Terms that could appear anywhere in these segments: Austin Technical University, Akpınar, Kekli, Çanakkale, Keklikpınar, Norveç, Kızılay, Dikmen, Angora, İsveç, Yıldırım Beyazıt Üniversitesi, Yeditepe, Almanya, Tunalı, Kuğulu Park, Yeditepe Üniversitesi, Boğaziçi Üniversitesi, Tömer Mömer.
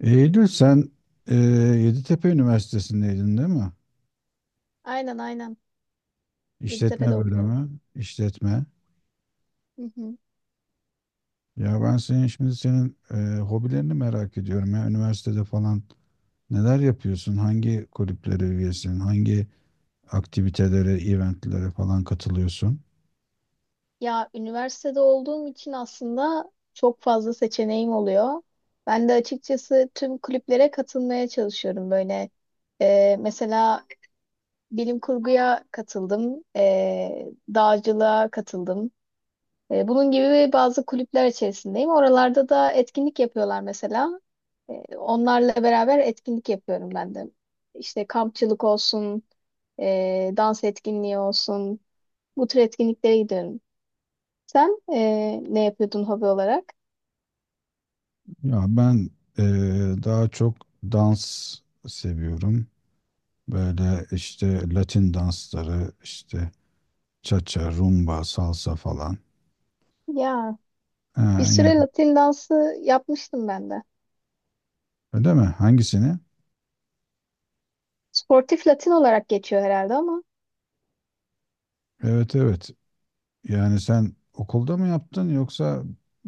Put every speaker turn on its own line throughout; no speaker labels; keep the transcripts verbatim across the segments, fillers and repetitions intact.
Eylül, sen e, Yeditepe Üniversitesi'ndeydin değil mi?
Aynen, aynen. Yeditepe'de
İşletme
okuyorum.
bölümü, işletme.
Hı hı.
Ya ben senin şimdi senin e, hobilerini merak ediyorum ya. Üniversitede falan neler yapıyorsun? Hangi kulüplere üyesin? Hangi aktivitelere, eventlere falan katılıyorsun?
Ya üniversitede olduğum için aslında çok fazla seçeneğim oluyor. Ben de açıkçası tüm kulüplere katılmaya çalışıyorum böyle. Ee, mesela bilim kurguya katıldım, ee, dağcılığa katıldım. Ee, bunun gibi bazı kulüpler içerisindeyim. Oralarda da etkinlik yapıyorlar mesela. Ee, onlarla beraber etkinlik yapıyorum ben de. İşte kampçılık olsun, ee, dans etkinliği olsun. Bu tür etkinliklere giderim. Sen eee, ne yapıyordun hobi olarak?
Ya ben e, daha çok dans seviyorum. Böyle işte Latin dansları, işte cha-cha, rumba, salsa falan.
Ya bir
Ha,
süre
yani
Latin dansı yapmıştım ben de.
öyle mi? Hangisini?
Sportif Latin olarak geçiyor herhalde ama
Evet, evet. Yani sen okulda mı yaptın yoksa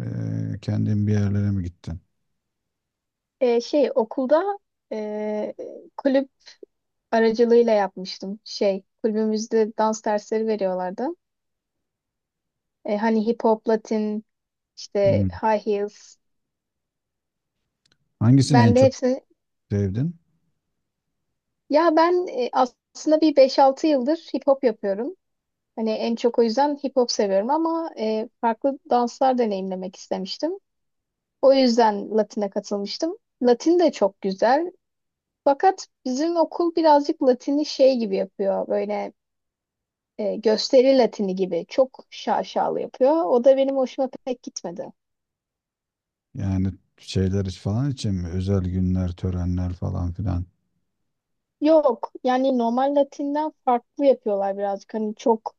eee, kendin bir yerlere mi gittin?
eee, şey okulda eee, kulüp aracılığıyla yapmıştım. Şey, kulübümüzde dans dersleri veriyorlardı. E, hani hip hop, Latin, işte
Hmm.
high heels.
Hangisini en
Ben de
çok
hepsini,
sevdin?
ya ben e, aslında bir beş altı yıldır hip hop yapıyorum. Hani en çok o yüzden hip hop seviyorum ama e, farklı danslar deneyimlemek istemiştim. O yüzden Latin'e katılmıştım. Latin de çok güzel. Fakat bizim okul birazcık Latin'i şey gibi yapıyor. Böyle e, gösteri Latini gibi. Çok şaşalı yapıyor. O da benim hoşuma pek gitmedi.
Yani şeyler iç- falan için mi? Özel günler, törenler falan filan.
Yok yani normal Latin'den farklı yapıyorlar birazcık. Hani çok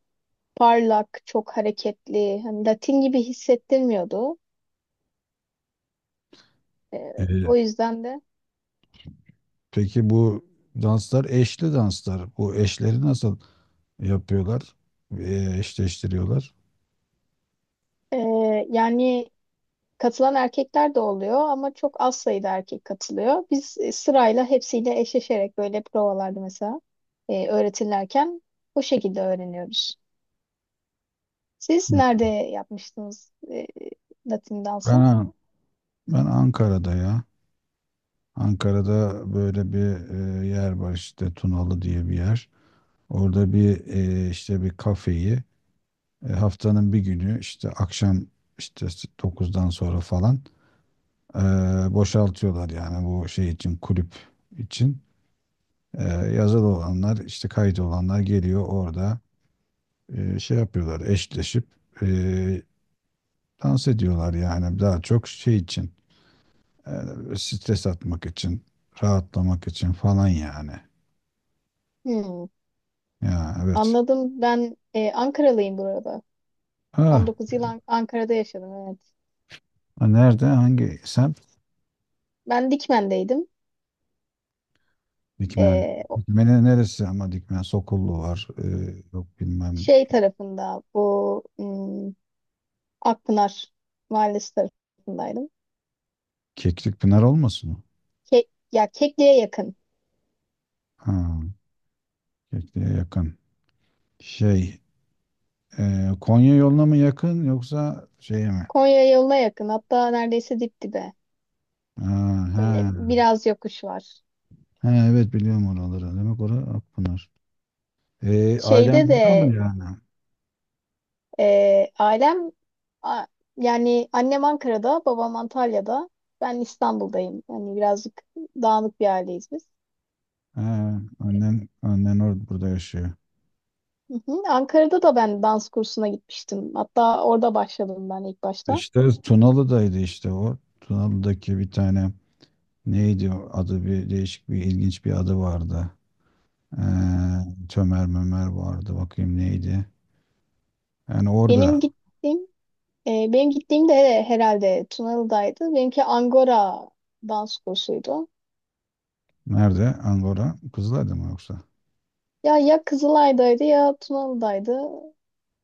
parlak, çok hareketli. Hani Latin gibi hissettirmiyordu. E,
Ee,
o yüzden de
peki bu danslar eşli danslar. Bu eşleri nasıl yapıyorlar? Ee, eşleştiriyorlar.
ee, yani Katılan erkekler de oluyor ama çok az sayıda erkek katılıyor. Biz e, sırayla hepsiyle eşleşerek böyle provalarda mesela e, öğretilirken bu şekilde öğreniyoruz. Siz nerede yapmıştınız e, Latin dansı?
Ben, ben Ankara'da ya. Ankara'da böyle bir e, yer var, işte Tunalı diye bir yer. Orada bir, e, işte bir kafeyi e, haftanın bir günü, işte akşam, işte dokuzdan sonra falan e, boşaltıyorlar yani bu şey için, kulüp için. E, yazılı olanlar, işte kayıt olanlar geliyor orada, e, şey yapıyorlar, eşleşip e, dans ediyorlar, yani daha çok şey için, e, stres atmak için, rahatlamak için falan yani.
Hmm,
Ya, evet.
anladım. Ben e, Ankaralıyım burada.
Ha,
on dokuz yıl An- Ankara'da yaşadım, evet.
ha, nerede? Hangi semt?
Ben Dikmen'deydim.
Dikmen.
E,
Dikmen'in neresi ama? Dikmen Sokullu var. Ee, yok, bilmem.
Şey tarafında, bu, hmm, Akpınar Mahallesi tarafındaydım.
Keklikpınar olmasın o?
Kek, ya Kekli'ye yakın.
Ha, Keklik'e yakın. Şey, e, Konya yoluna mı yakın yoksa şeye mi?
Konya yoluna yakın. Hatta neredeyse dip dibe.
Ha,
Böyle
ha,
biraz yokuş var.
ha, evet biliyorum oraları. Demek orası Akpınar. Ee,
Şeyde
ailen burada mı
de
yani?
e, ailem a- yani annem Ankara'da, babam Antalya'da. Ben İstanbul'dayım. Yani birazcık dağınık bir aileyiz biz.
Ha, annen, annen orada burada yaşıyor.
Hı hı. Ankara'da da ben dans kursuna gitmiştim. Hatta orada başladım ben ilk başta.
İşte Tunalı'daydı işte o. Tunalı'daki bir tane. Neydi o adı? Bir değişik, bir ilginç bir adı vardı. Ee, Tömer Mömer vardı. Bakayım neydi. Yani orada
Benim gittiğim e, benim gittiğim de herhalde Tunalı'daydı. Benimki Angora dans kursuydu.
nerede? Angora. Kızılay'da mı yoksa?
Ya ya Kızılay'daydı ya Tunalı'daydı.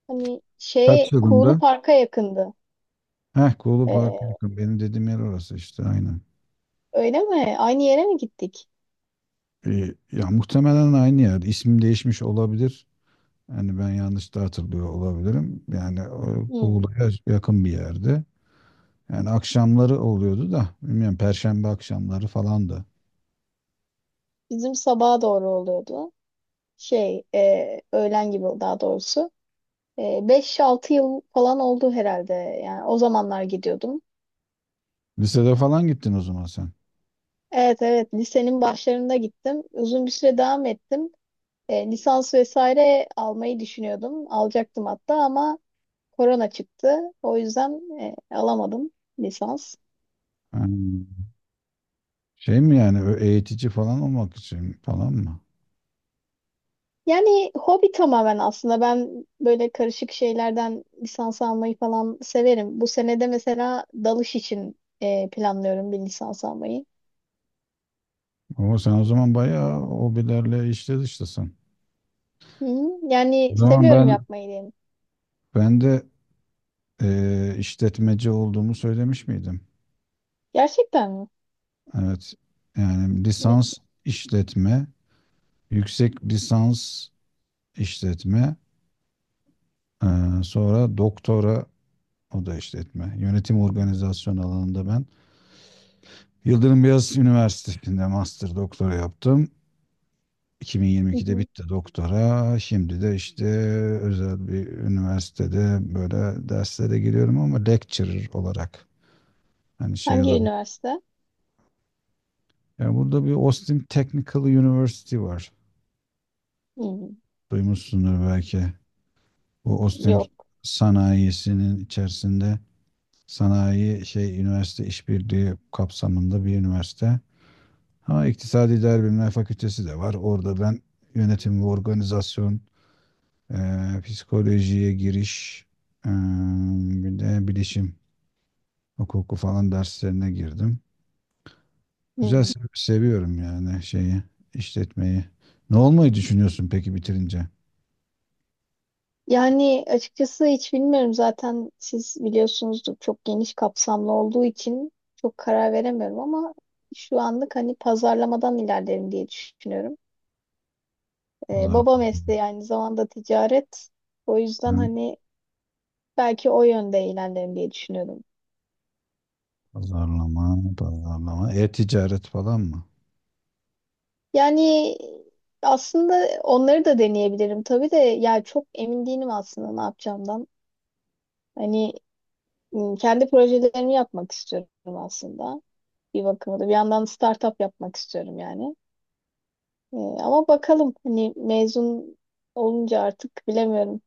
Hani
Kaç
şeye Kuğulu
yılında?
Park'a yakındı.
Heh, Kuğulu Park'a
Ee,
yakın. Benim dediğim yer orası işte, aynen.
Öyle mi? Aynı yere mi gittik?
Ee, ya muhtemelen aynı yer. İsim değişmiş olabilir. Yani ben yanlış da hatırlıyor olabilirim. Yani o
Hmm.
Kuğulu'ya yakın bir yerde. Yani akşamları oluyordu da bilmiyorum, Perşembe akşamları falandı.
Bizim sabaha doğru oluyordu. Şey, e, öğlen gibi daha doğrusu. E, beş altı yıl falan oldu herhalde. Yani o zamanlar gidiyordum.
Lisede falan gittin o zaman sen.
Evet, evet, lisenin başlarında gittim. Uzun bir süre devam ettim. E, lisans vesaire almayı düşünüyordum. Alacaktım hatta ama korona çıktı. O yüzden e, alamadım lisans.
Ha. Şey mi yani, ö- eğitici falan olmak için falan mı?
Yani hobi tamamen aslında. Ben böyle karışık şeylerden lisans almayı falan severim. Bu senede mesela dalış için e, planlıyorum bir lisans almayı.
Ama sen o zaman bayağı hobilerle işte dıştasın.
Hı hı. Yani
O zaman
seviyorum
ben
yapmayı diyelim.
ben de eee, işletmeci olduğumu söylemiş miydim?
Gerçekten mi?
Evet. Yani
Ne?
lisans işletme, yüksek lisans işletme, eee, sonra doktora, o da işletme. Yönetim organizasyon alanında ben Yıldırım Beyazıt Üniversitesi'nde master doktora yaptım.
Hı
iki bin yirmi ikide
hı.
bitti doktora. Şimdi de işte özel bir üniversitede böyle derslere giriyorum, ama lecturer olarak. Hani şey
Hangi
olarak.
üniversite?
Yani burada bir Austin Technical University var.
Hı, hı.
Duymuşsundur belki. Bu Austin
Yok.
sanayisinin içerisinde, sanayi şey üniversite işbirliği kapsamında bir üniversite. Ha, iktisadi idare bilimler fakültesi de var. Orada ben yönetim ve organizasyon, Ee, psikolojiye giriş, ee, bir de bilişim hukuku falan derslerine girdim. Güzel,
Hı.
se- seviyorum yani şeyi, işletmeyi. Ne olmayı düşünüyorsun peki bitirince?
Yani açıkçası hiç bilmiyorum. Zaten siz biliyorsunuzdur, çok geniş kapsamlı olduğu için çok karar veremiyorum ama şu anlık hani pazarlamadan ilerlerim diye düşünüyorum. Ee, baba
Pazarlama,
mesleği aynı zamanda ticaret. O yüzden
ha,
hani belki o yönde ilerlerim diye düşünüyorum.
pazarlama, pazarlama. E-ticaret falan mı?
Yani aslında onları da deneyebilirim tabii de ya çok emin değilim aslında ne yapacağımdan. Hani m, kendi projelerimi yapmak istiyorum aslında. Bir bakıma da bir yandan startup yapmak istiyorum yani. Ee, ama bakalım hani mezun olunca artık bilemiyorum.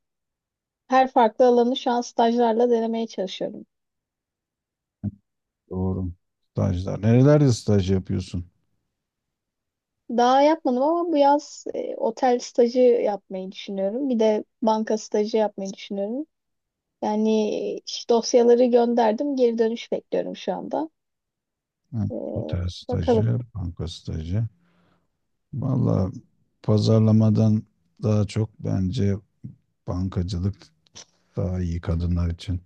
Her farklı alanı şu an stajlarla denemeye çalışıyorum.
Doğru. Stajlar. Nerelerde staj yapıyorsun?
Daha yapmadım ama bu yaz e, otel stajı yapmayı düşünüyorum. Bir de banka stajı yapmayı düşünüyorum. Yani e, iş dosyaları gönderdim. Geri dönüş bekliyorum şu anda.
Ha,
E,
otel
Bakalım.
stajı, banka stajı. Vallahi pazarlamadan daha çok bence bankacılık daha iyi kadınlar için.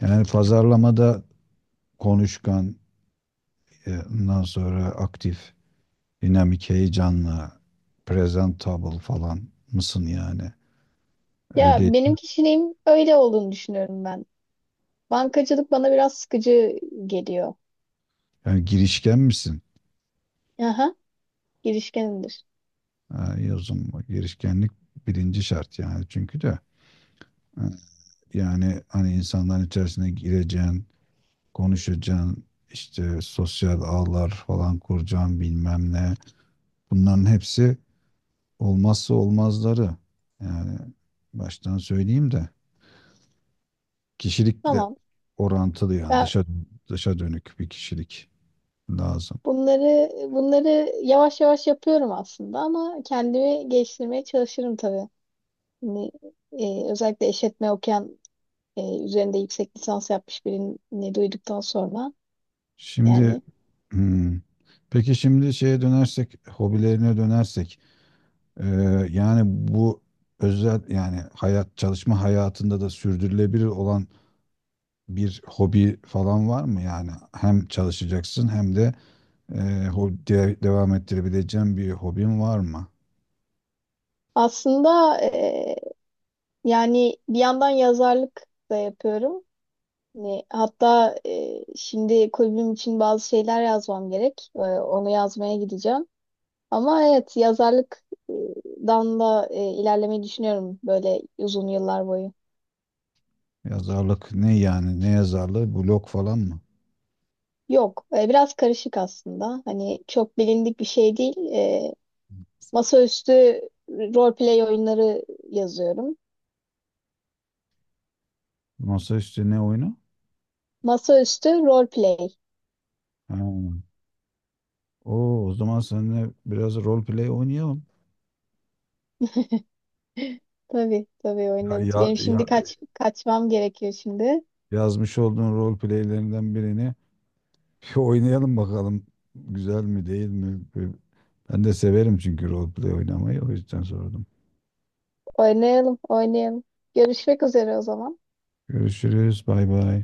Yani pazarlamada konuşkan, e, ondan sonra aktif, dinamik, heyecanlı, presentable falan mısın yani?
Ya
Öyle
benim kişiliğim öyle olduğunu düşünüyorum ben. Bankacılık bana biraz sıkıcı geliyor.
yani, girişken misin?
Aha, girişkenimdir.
Ha, yazım girişkenlik birinci şart yani, çünkü de ha, yani hani insanların içerisine gireceğin, konuşacaksın, işte sosyal ağlar falan kuracaksın, bilmem ne. Bunların hepsi olmazsa olmazları. Yani baştan söyleyeyim de. Kişilikle
Tamam.
orantılı yani,
Ya
dışa dışa dönük bir kişilik lazım.
bunları bunları yavaş yavaş yapıyorum aslında ama kendimi geliştirmeye çalışırım tabii. Yani, e, özellikle işletme okuyan, e, üzerinde yüksek lisans yapmış birini duyduktan sonra
Şimdi,
yani
hmm, peki şimdi şeye dönersek, hobilerine dönersek e, yani bu özel yani, hayat çalışma hayatında da sürdürülebilir olan bir hobi falan var mı? Yani hem çalışacaksın hem de e, ho- de- devam ettirebileceğin bir hobin var mı?
aslında e, yani bir yandan yazarlık da yapıyorum. Ne, hatta e, şimdi kulübüm için bazı şeyler yazmam gerek. E, onu yazmaya gideceğim. Ama evet, yazarlıktan da e, ilerlemeyi düşünüyorum böyle uzun yıllar boyu.
Yazarlık ne yani? Ne yazarlığı, blog falan mı?
Yok, e, biraz karışık aslında. Hani çok bilindik bir şey değil. E, masaüstü role play oyunları yazıyorum.
Masaüstü ne oyunu?
Masaüstü role play.
Ha. Oo, o zaman seninle biraz rol play oynayalım.
Tabii, tabii
Ya,
oynarız.
ya,
Benim şimdi
ya-
kaç kaçmam gerekiyor şimdi.
yazmış olduğun rol playlerinden birini bir oynayalım bakalım. Güzel mi değil mi? Bir- Ben de severim çünkü rol play oynamayı. O yüzden sordum.
Oynayalım, oynayalım. Görüşmek üzere o zaman.
Görüşürüz. Bay bay.